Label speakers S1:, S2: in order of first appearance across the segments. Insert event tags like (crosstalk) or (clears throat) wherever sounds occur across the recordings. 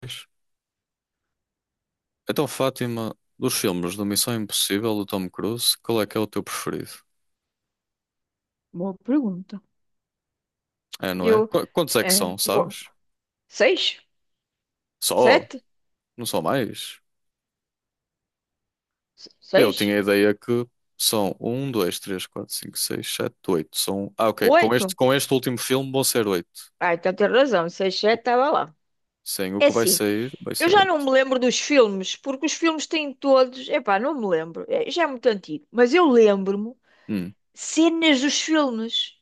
S1: Pois. Então, Fátima, dos filmes do Missão Impossível do Tom Cruise, qual é que é o teu preferido?
S2: Boa pergunta.
S1: É, não é?
S2: Eu,
S1: Quantos é que
S2: é,
S1: são,
S2: bom,
S1: sabes?
S2: seis?
S1: Só?
S2: Sete?
S1: Não são mais? Eu
S2: Seis?
S1: tinha a ideia que são um, dois, três, quatro, cinco, seis, sete, oito. São... Ah, ok. Com este,
S2: Oito?
S1: com este último filme vão ser oito.
S2: Ah, então tem razão. Seis, sete estava lá.
S1: Sim, o
S2: É
S1: que vai
S2: assim,
S1: sair, vai
S2: eu
S1: ser
S2: já não
S1: oito.
S2: me lembro dos filmes, porque os filmes têm todos. Epá, não me lembro. É, já é muito antigo. Mas eu lembro-me
S1: Hum.
S2: cenas dos filmes.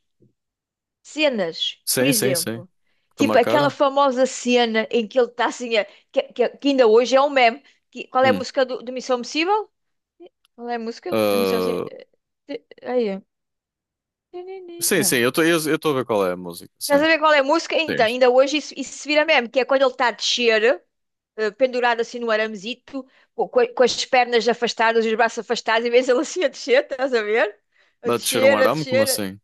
S2: Cenas, por
S1: Sim, sim, sim.
S2: exemplo.
S1: Te
S2: Tipo aquela
S1: marcaram?
S2: famosa cena em que ele está assim, que ainda hoje é um meme. Qual é a
S1: Hum.
S2: música do Missão Impossível? Qual é a música da Missão Impossível?
S1: Ah,
S2: Nenê,
S1: sim,
S2: não.
S1: sim, eu estou a ver qual é a música,
S2: Estás
S1: sim.
S2: a ver qual é a música?
S1: Sim.
S2: Então, ainda hoje isso, isso se vira mesmo, que é quando ele está a descer, pendurado assim no aramezito, com as pernas afastadas, os braços afastados, e vês ele assim a descer, estás a ver? A
S1: A descer um
S2: descer, a
S1: arame, como
S2: descer.
S1: assim?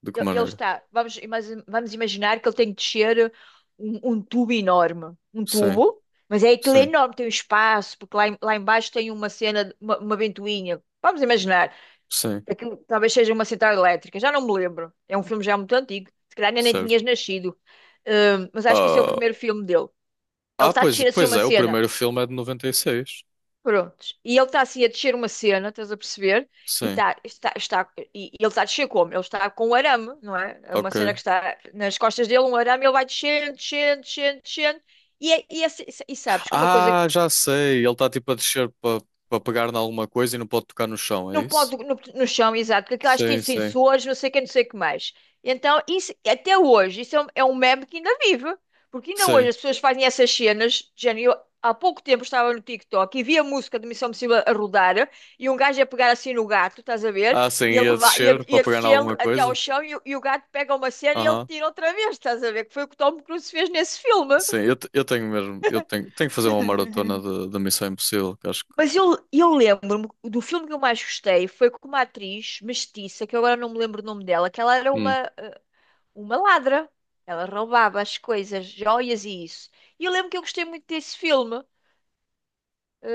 S1: De que
S2: Ele
S1: maneira?
S2: está, vamos, ima- vamos imaginar que ele tem que descer um tubo enorme, um
S1: Sim,
S2: tubo, mas é aquele
S1: sim.
S2: enorme, tem um espaço, porque lá embaixo tem uma cena, uma ventoinha. Vamos imaginar.
S1: Sim.
S2: Aquilo talvez seja uma central elétrica, já não me lembro. É um filme já muito antigo, se calhar ainda nem
S1: Certo.
S2: tinhas nascido. Mas acho que esse é o
S1: Ah,
S2: primeiro filme dele. Ele
S1: ah
S2: está a
S1: pois,
S2: descer assim
S1: pois
S2: uma
S1: é, o
S2: cena.
S1: primeiro filme é de 96.
S2: Prontos. E ele está assim a descer uma cena, estás a perceber? E,
S1: Sim,
S2: tá, está, está, e ele está a descer como? Ele está com um arame, não é? É uma
S1: ok.
S2: cena que está nas costas dele, um arame, ele vai descendo, descendo, descendo, descendo. E, é- e, é- sabes que uma coisa.
S1: Ah, já sei. Ele está tipo a descer para pegar em alguma coisa e não pode tocar no chão, é
S2: Não
S1: isso?
S2: pode no chão, exato, porque aquelas têm
S1: Sim, sim,
S2: sensores, não sei o que, não sei o que mais. Então, isso, até hoje, isso é é um meme que ainda vive. Porque ainda hoje
S1: sim.
S2: as pessoas fazem essas cenas, de género. Eu, há pouco tempo, estava no TikTok e vi a música de Missão Impossível a rodar, e um gajo a pegar assim no gato, estás a ver?
S1: Ah, sim,
S2: E a,
S1: ia
S2: levar,
S1: descer
S2: e
S1: para
S2: a
S1: pegar em
S2: descê-lo
S1: alguma
S2: até ao
S1: coisa.
S2: chão, e o gato pega uma cena e ele
S1: Aham.
S2: tira outra vez, estás a ver? Que foi o que o Tom Cruise fez nesse filme.
S1: Sim, eu, eu tenho mesmo. Eu tenho que fazer uma maratona
S2: (laughs)
S1: de Missão Impossível, que acho que.
S2: Mas eu, eu lembro-me do filme que eu mais gostei, foi com uma atriz mestiça, que eu agora não me lembro o nome dela, que ela era
S1: Hum,
S2: uma ladra. Ela roubava as coisas, joias e isso. E eu lembro que eu gostei muito desse filme.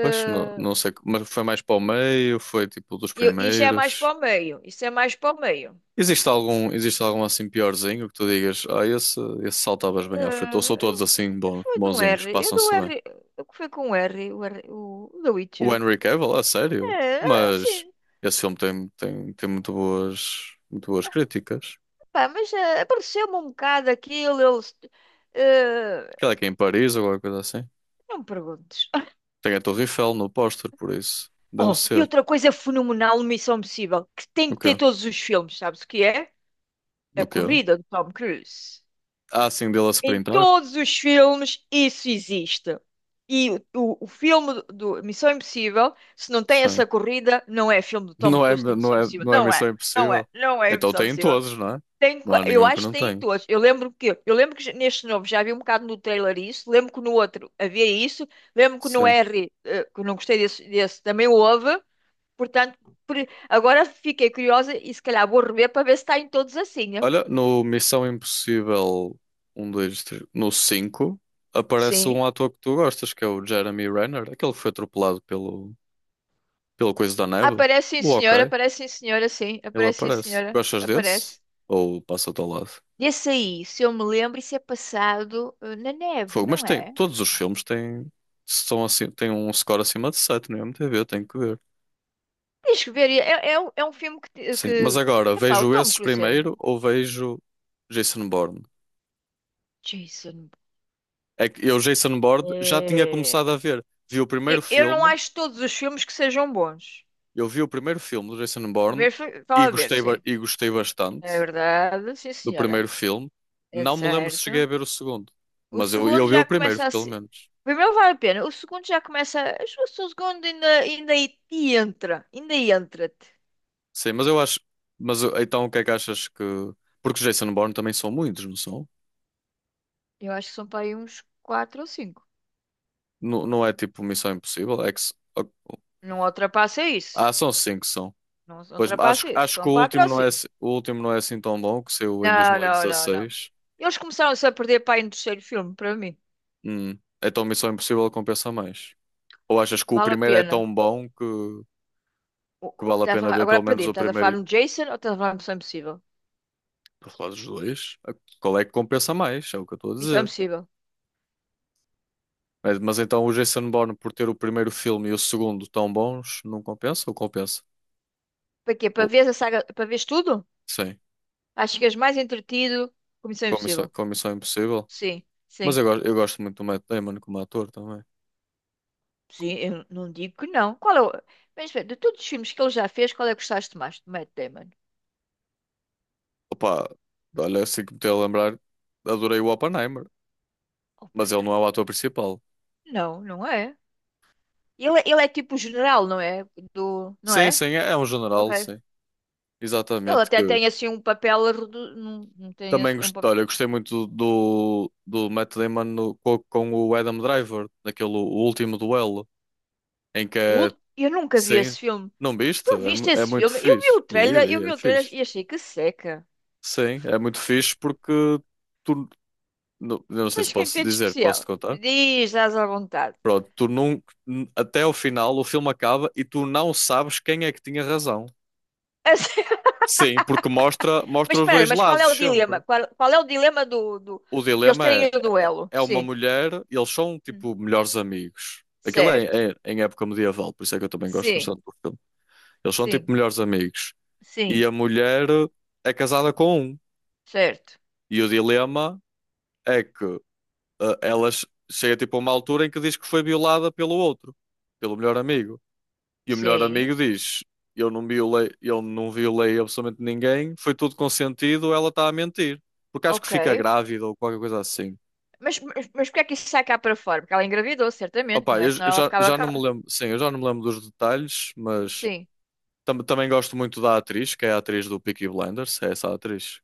S1: Pois, não, não sei. Mas foi mais para o meio, foi tipo dos
S2: isto é mais
S1: primeiros.
S2: para o meio. Isso é mais para o meio.
S1: Existe algum assim piorzinho que tu digas, ah, esse saltavas bem à frente, ou são todos assim
S2: Eh, foi de um R.
S1: bonzinhos,
S2: Eu do
S1: passam-se
S2: R.
S1: bem.
S2: O que foi com o R? O The
S1: O
S2: Witcher.
S1: Henry Cavill, a sério,
S2: É,
S1: mas
S2: assim,
S1: esse filme tem muito boas críticas.
S2: pá, mas apareceu-me um bocado aquilo. Eh,
S1: Aquela que é em Paris ou alguma coisa assim.
S2: não me perguntes.
S1: Tem a Torre Eiffel no póster, por isso. Deve
S2: Oh, e
S1: ser.
S2: outra coisa fenomenal, Missão Impossível, que tem
S1: O
S2: que ter
S1: quê?
S2: todos os filmes, sabes o que é? A
S1: No quê?
S2: corrida de Tom Cruise.
S1: Ah, sim, dele a se
S2: Em
S1: printar?
S2: todos os filmes isso existe. E o filme do Missão Impossível, se não tem
S1: Sim.
S2: essa corrida, não é filme do
S1: (laughs)
S2: Tom
S1: Não é,
S2: Cruise de
S1: não
S2: Missão
S1: é,
S2: Impossível.
S1: não é
S2: Não
S1: Missão
S2: é, não é,
S1: Impossível.
S2: não é
S1: Então
S2: Missão
S1: tem em
S2: Impossível.
S1: todos, não é?
S2: Tem.
S1: Não há
S2: Eu
S1: nenhum que
S2: acho que
S1: não
S2: tem em
S1: tenha.
S2: todos. Eu lembro que neste novo já vi um bocado no trailer isso, lembro que no outro havia isso, lembro que no
S1: Sim.
S2: R, eh, que eu não gostei desse também houve. Portanto, por- agora fiquei curiosa e se calhar vou rever para ver se está em todos assim, né?
S1: Olha, no Missão Impossível um 2, 3, no 5 aparece
S2: Sim.
S1: um ator que tu gostas, que é o Jeremy Renner, aquele que foi atropelado pelo coisa da neve. O ok,
S2: Aparece sim, senhora, sim.
S1: ele
S2: Aparece sim,
S1: aparece.
S2: senhora,
S1: Gostas desse?
S2: aparece.
S1: Ou passa-te ao lado?
S2: E esse aí, se eu me lembro, isso é passado, eh, na neve,
S1: Fogo, mas
S2: não
S1: tem,
S2: é?
S1: todos os filmes têm, são assim, têm um score acima de 7 no IMDb, tenho que ver.
S2: Tens que ver. É um filme que...
S1: Sim, mas
S2: que...
S1: agora,
S2: Epá, o
S1: vejo
S2: Tom
S1: esses
S2: Cruise, é.
S1: primeiro ou vejo Jason Bourne?
S2: Jason...
S1: É que eu, Jason Bourne, já tinha
S2: É...
S1: começado a ver. Vi o primeiro
S2: eu não
S1: filme
S2: acho todos os filmes que sejam bons.
S1: Eu vi o primeiro filme do Jason Bourne
S2: Primeiro, fala
S1: e
S2: a ver,
S1: gostei, ba-
S2: sim.
S1: e gostei
S2: É
S1: bastante
S2: verdade, sim,
S1: do
S2: senhora.
S1: primeiro filme.
S2: É
S1: Não me lembro se
S2: certo.
S1: cheguei a ver o segundo,
S2: O
S1: mas eu,
S2: segundo
S1: eu vi o
S2: já
S1: primeiro,
S2: começa a
S1: pelo
S2: ser.
S1: menos.
S2: O primeiro vale a pena. O segundo já começa. Acho que o segundo ainda, ainda aí te entra. Ainda aí entra-te.
S1: Sim, mas eu acho. Mas então o que é que achas que. Porque os Jason Bourne também são muitos, não são?
S2: Eu acho que são para aí uns 4 ou cinco.
S1: Não, não é tipo Missão Impossível? É que...
S2: Não ultrapassa isso.
S1: Ah, são cinco, são.
S2: Não
S1: Pois acho,
S2: ultrapassa isso.
S1: acho que
S2: São
S1: o
S2: 4
S1: último
S2: ou
S1: não é,
S2: cinco.
S1: assim tão bom, que saiu em
S2: Não, não, não, não.
S1: 2016.
S2: Eles começaram-se a perder para aí no terceiro filme, para mim.
S1: Então Missão Impossível compensa mais. Ou achas que o
S2: Vale a
S1: primeiro é
S2: pena.
S1: tão bom que. Que vale a
S2: Estás a
S1: pena
S2: falar...
S1: ver pelo
S2: Agora
S1: menos
S2: perdi-me.
S1: o
S2: Estás a
S1: primeiro,
S2: falar no Jason ou estás a falar no Missão Impossível?
S1: para falar dos dois, qual é que compensa mais, é o que eu estou a
S2: Missão
S1: dizer.
S2: Impossível.
S1: Mas, então o Jason Bourne, por ter o primeiro filme e o segundo tão bons, não compensa ou compensa?
S2: Para quê?
S1: Ou,
S2: Para ver a saga, para veres tudo?
S1: sim,
S2: Acho que és mais entretido com Missão
S1: comissão
S2: Impossível.
S1: comissão impossível.
S2: Sim,
S1: Mas
S2: sim.
S1: eu, eu gosto muito do Matt Damon como ator também.
S2: Sim, eu não digo que não. Qual é o... Mas, espera, de todos os filmes que ele já fez, qual é que gostaste mais? De Matt Damon.
S1: Opa, olha, assim que me tenho a lembrar, adorei o Oppenheimer, mas ele não é
S2: Oppenheimer.
S1: o ator principal.
S2: Não, não é. Ele é tipo o general, não é? Do... Não
S1: Sim,
S2: é?
S1: sim, é um general,
S2: Ok.
S1: sim.
S2: Ele
S1: Exatamente,
S2: até
S1: que
S2: tem assim um papel... não, não tem
S1: também
S2: assim, um
S1: gostei,
S2: papel...
S1: olha, gostei muito do Matt Damon com o Adam Driver, naquele o último duelo, em que é,
S2: Eu nunca vi
S1: sim,
S2: esse filme.
S1: não viste?
S2: Tu
S1: É, mu-
S2: viste
S1: é
S2: esse
S1: muito
S2: filme? Eu vi
S1: fixe.
S2: o
S1: Vi,
S2: trailer, eu
S1: vi,
S2: vi
S1: é
S2: o trailer
S1: fixe.
S2: e achei que seca.
S1: Sim, é muito fixe porque tu, não, eu não sei
S2: Mas
S1: se
S2: o que é que
S1: posso
S2: tem de
S1: dizer,
S2: especial?
S1: posso-te contar?
S2: Diz, estás à vontade.
S1: Pronto, tu não, até ao final o filme acaba e tu não sabes quem é que tinha razão.
S2: (laughs)
S1: Sim, porque mostra,
S2: Mas
S1: mostra os
S2: espera,
S1: dois
S2: mas qual
S1: lados
S2: é o
S1: sempre.
S2: dilema? Qual, qual é o dilema do...
S1: O
S2: para eles
S1: dilema
S2: terem
S1: é,
S2: o
S1: é
S2: duelo?
S1: é uma
S2: Sim.
S1: mulher, e eles são
S2: Hum.
S1: tipo melhores amigos. Aquilo
S2: Certo.
S1: é, é em época medieval, por isso é que eu também gosto
S2: Sim,
S1: bastante do filme. Eles são tipo
S2: sim,
S1: melhores amigos. E
S2: sim.
S1: a mulher é casada com um.
S2: Certo.
S1: E o dilema é que ela chega tipo a uma altura em que diz que foi violada pelo outro, pelo melhor amigo. E o melhor
S2: Sim.
S1: amigo diz: eu não violei absolutamente ninguém, foi tudo consentido, ela está a mentir. Porque acho que
S2: Ok.
S1: fica grávida ou qualquer coisa assim.
S2: Mas porquê é que isso sai cá para fora? Porque ela engravidou, certamente,
S1: Opa,
S2: não é?
S1: eu,
S2: Senão
S1: eu
S2: ela
S1: já,
S2: ficava
S1: já não
S2: cá.
S1: me lembro, sim, eu já não me lembro dos detalhes, mas
S2: Sim.
S1: também gosto muito da atriz, que é a atriz do Peaky Blinders, é essa atriz.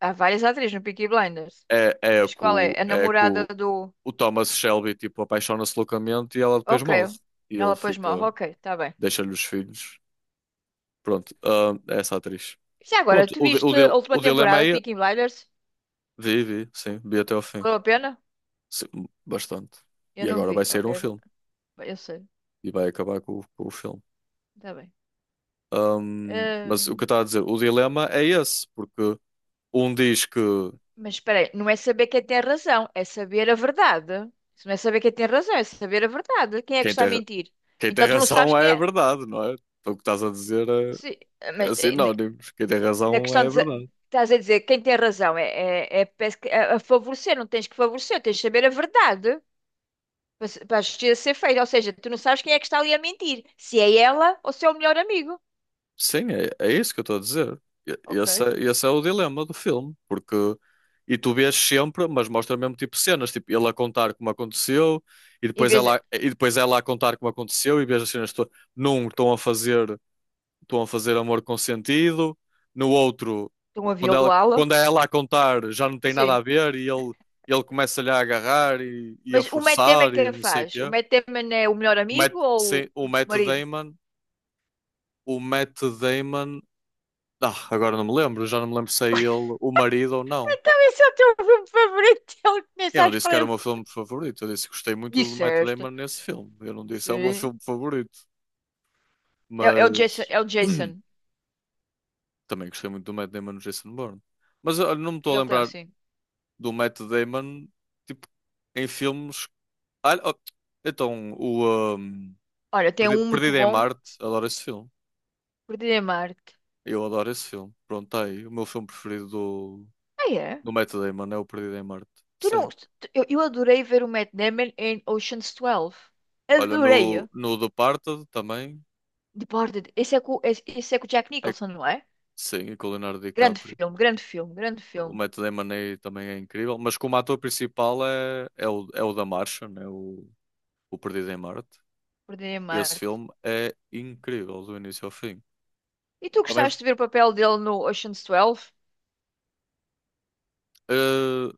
S2: Há várias atrizes no Peaky Blinders.
S1: É, é a que
S2: Mas qual é?
S1: o,
S2: A namorada do.
S1: Thomas Shelby, tipo, apaixona-se loucamente e ela depois
S2: Ok.
S1: morre. E
S2: Ela
S1: ele
S2: depois
S1: fica,
S2: morre. Ok, está bem.
S1: deixa-lhe os filhos. Pronto, ah, é essa atriz.
S2: Já agora,
S1: Pronto,
S2: tu
S1: o, di- o,
S2: viste a
S1: dil-
S2: última
S1: o dilema
S2: temporada de
S1: é,
S2: Peaky Blinders?
S1: vi, vi, sim, vi até ao fim.
S2: Valeu a pena?
S1: Sim, bastante.
S2: Eu
S1: E
S2: não
S1: agora vai
S2: vi.
S1: sair um
S2: Ok,
S1: filme.
S2: eu sei.
S1: E vai acabar com, com o filme.
S2: Está bem.
S1: Mas o que eu
S2: Hum.
S1: estava a dizer, o dilema é esse, porque um diz que
S2: Mas espera aí, não é saber quem tem razão, é saber a verdade. Se não é saber quem tem razão, é saber a verdade. Quem é que
S1: quem
S2: está a
S1: tem,
S2: mentir?
S1: quem tem
S2: Então tu não sabes
S1: razão
S2: quem
S1: é a
S2: é.
S1: verdade, não é? Então, o que estás a dizer
S2: Sim,
S1: é,
S2: mas
S1: é
S2: eh,
S1: sinónimos. Quem tem
S2: na
S1: razão
S2: questão
S1: é a
S2: de.
S1: verdade.
S2: Estás a dizer quem tem razão é, é, parece que é a favorecer, não tens que favorecer, tens de saber a verdade para, para a justiça ser feita. Ou seja, tu não sabes quem é que está ali a mentir, se é ela ou se é o melhor amigo.
S1: Sim, é isso que eu estou a dizer.
S2: Ok.
S1: Esse é o dilema do filme, porque e tu vês sempre, mas mostra mesmo tipo cenas, tipo ele a contar como aconteceu e
S2: Em
S1: depois
S2: vez
S1: ela
S2: de
S1: e depois ela a contar como aconteceu e vês as cenas num estão a fazer amor consentido. No outro,
S2: estão a
S1: quando ela,
S2: violá-la.
S1: quando é ela a contar, já não tem nada a
S2: Sim.
S1: ver e ele começa-lhe a agarrar e a
S2: Mas o Matt Damon,
S1: forçar e
S2: quem
S1: não sei o
S2: faz? O
S1: quê.
S2: Matt Damon é o melhor
S1: O Matt,
S2: amigo ou
S1: sim,
S2: o
S1: o Matt
S2: marido?
S1: Damon, o Matt Damon, agora não me lembro, já não me lembro se é ele o marido ou não.
S2: (laughs) Esse é o teu filme favorito. (laughs) Ele
S1: Eu
S2: começa a
S1: não disse que era o
S2: escolher.
S1: meu filme favorito, eu disse que gostei muito do Matt
S2: Disseste.
S1: Damon nesse filme. Eu não disse é o meu
S2: Sim.
S1: filme favorito,
S2: É, é o Jason.
S1: mas
S2: É o Jason.
S1: (clears throat) também gostei muito do Matt Damon no Jason Bourne. Mas eu não me estou a
S2: Ele tem,
S1: lembrar,
S2: sim.
S1: do Matt Damon, tipo, em filmes. Ah, oh, então,
S2: Olha, tem um muito
S1: Perdido em
S2: bom.
S1: Marte, adoro esse filme.
S2: Perdido em Marte.
S1: Eu adoro esse filme. Pronto, tá aí. O meu filme preferido do,
S2: Ah, é?
S1: do Matt Damon é o Perdido em Marte.
S2: Tu
S1: Sim.
S2: não... tu- eu adorei ver o Matt Damon em Ocean's 12.
S1: Olha, no,
S2: Adorei-o.
S1: no Departed também.
S2: Departed. Esse é, com, esse é com o Jack
S1: É,
S2: Nicholson, não é?
S1: sim, e com o Leonardo
S2: Grande
S1: DiCaprio.
S2: filme, grande filme, grande
S1: O
S2: filme.
S1: Matt Damon aí também é incrível, mas como ator principal é o da Martian, é o Perdido em Marte.
S2: Perdido em
S1: Esse
S2: Marte.
S1: filme é incrível do início ao fim.
S2: E tu
S1: Também,
S2: gostaste de ver o papel dele no Ocean's 12?
S1: eh,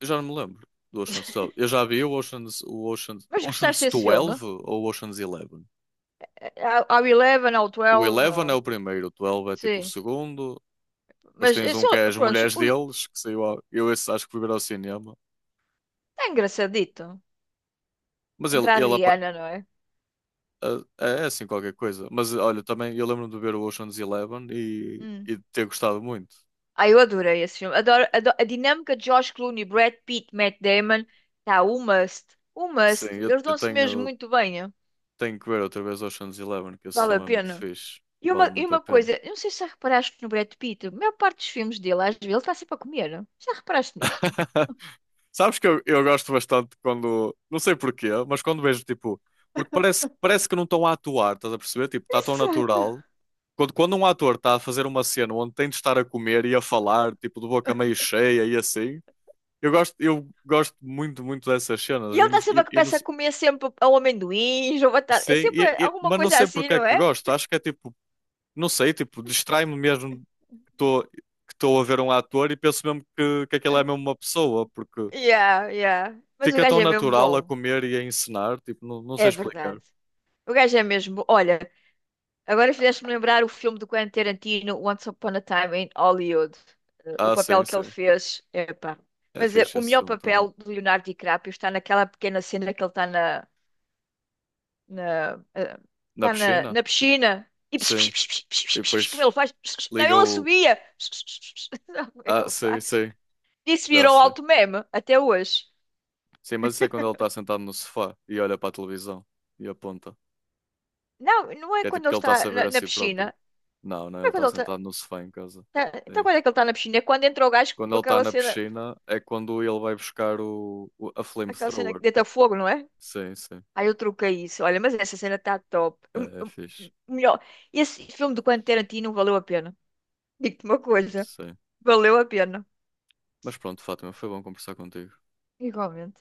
S1: eu já não me lembro do Ocean's
S2: (laughs)
S1: 12. Eu já vi
S2: Mas gostaste
S1: Ocean's
S2: desse filme?
S1: 12 ou Ocean's 11.
S2: Ao ao 11, ao
S1: O
S2: 12?
S1: 11 é
S2: ao...
S1: o primeiro, o 12 é tipo o
S2: Sim.
S1: segundo. Depois
S2: Mas
S1: tens
S2: eu
S1: um
S2: sou,
S1: que é as
S2: pronto,
S1: mulheres
S2: o...
S1: deles, que saiu. Eu esse acho que fui ver ao cinema.
S2: é engraçadito.
S1: Mas ele,
S2: Entra a
S1: ele apa-
S2: Rihanna, não é?
S1: é assim qualquer coisa. Mas olha, também eu lembro-me de ver o Ocean's 11 e,
S2: Hum.
S1: e de ter gostado muito.
S2: Ah, eu adorei esse filme. Adoro, a dinâmica de George Clooney, Brad Pitt, Matt Damon, tá, o must. O
S1: Sim,
S2: must.
S1: eu,
S2: Eles
S1: eu
S2: dão-se mesmo
S1: tenho,
S2: muito bem, hein?
S1: tenho que ver outra vez Ocean's 11, que esse
S2: Vale a
S1: filme é muito
S2: pena.
S1: fixe. Vale
S2: E
S1: muito a
S2: uma
S1: pena.
S2: coisa, eu não sei se já reparaste no Brad Pitt, a maior parte dos filmes dele, às vezes, ele está sempre a comer. Já reparaste nisso?
S1: (laughs) Sabes que eu gosto bastante quando, não sei porquê, mas quando vejo tipo, porque parece que não estão a atuar, estás a perceber? Tipo, está tão
S2: Exato.
S1: natural. Quando um ator está a fazer uma cena onde tem de estar a comer e a falar, tipo, de boca meio cheia e assim, eu gosto muito, muito dessas
S2: E
S1: cenas.
S2: ele está sempre a peça a comer sempre ao amendoins ou batata.
S1: Sim,
S2: É
S1: e-
S2: sempre
S1: e-
S2: alguma
S1: mas não
S2: coisa
S1: sei
S2: assim,
S1: porque é
S2: não
S1: que
S2: é?
S1: gosto. Acho que é tipo, não sei, tipo, distrai-me mesmo que estou que estou a ver um ator e penso mesmo que aquele é mesmo uma pessoa, porque.
S2: Yeah, yeah. Mas o
S1: Fica tão
S2: gajo é mesmo
S1: natural a
S2: bom.
S1: comer e a encenar, tipo, não, não sei
S2: É
S1: explicar.
S2: verdade. O gajo é mesmo. Olha, agora fizeste-me lembrar o filme do Quentin Tarantino, Once Upon a Time in Hollywood. Eh, o
S1: Ah, sim,
S2: papel que ele
S1: sim.
S2: fez, epá.
S1: É
S2: Mas eh,
S1: fixe
S2: o
S1: esse
S2: melhor
S1: filme também.
S2: papel do Leonardo DiCaprio está naquela pequena cena que ele está na, eh,
S1: Na
S2: está
S1: piscina?
S2: na piscina e pss,
S1: Sim.
S2: pss, pss, pss,
S1: E
S2: pss, pss, pss, como
S1: depois
S2: ele faz? Pss, pss. Não,
S1: liga
S2: ele
S1: o.
S2: assobia. Pss, pss, pss, pss. (laughs) Sabe como é que
S1: Ah,
S2: ele
S1: sim,
S2: faz?
S1: sim.
S2: Isso
S1: Já
S2: virou
S1: sei.
S2: alto meme até hoje.
S1: Sim, mas isso é quando ele está sentado no sofá e olha para a televisão e aponta.
S2: Não, não é
S1: Que é
S2: quando
S1: tipo
S2: ele
S1: que ele está a
S2: está
S1: saber a
S2: na
S1: si próprio.
S2: piscina.
S1: Não, não,
S2: Não
S1: ele
S2: é quando
S1: está
S2: ele está.
S1: sentado no sofá em casa.
S2: Tá... então,
S1: É.
S2: quando é que ele tá na piscina? É quando entrou o gás
S1: Quando
S2: com
S1: ele está na piscina é quando ele vai buscar a
S2: aquela cena
S1: flamethrower.
S2: que deita fogo, não é?
S1: Sim, sim.
S2: Aí eu troquei isso. Olha, mas essa cena tá top.
S1: É fixe.
S2: Hum. Melhor. Esse filme do Quentin Tarantino valeu a pena. Digo-te uma coisa.
S1: Sim.
S2: Valeu a pena.
S1: Mas pronto, Fátima, foi bom conversar contigo.
S2: Igualmente.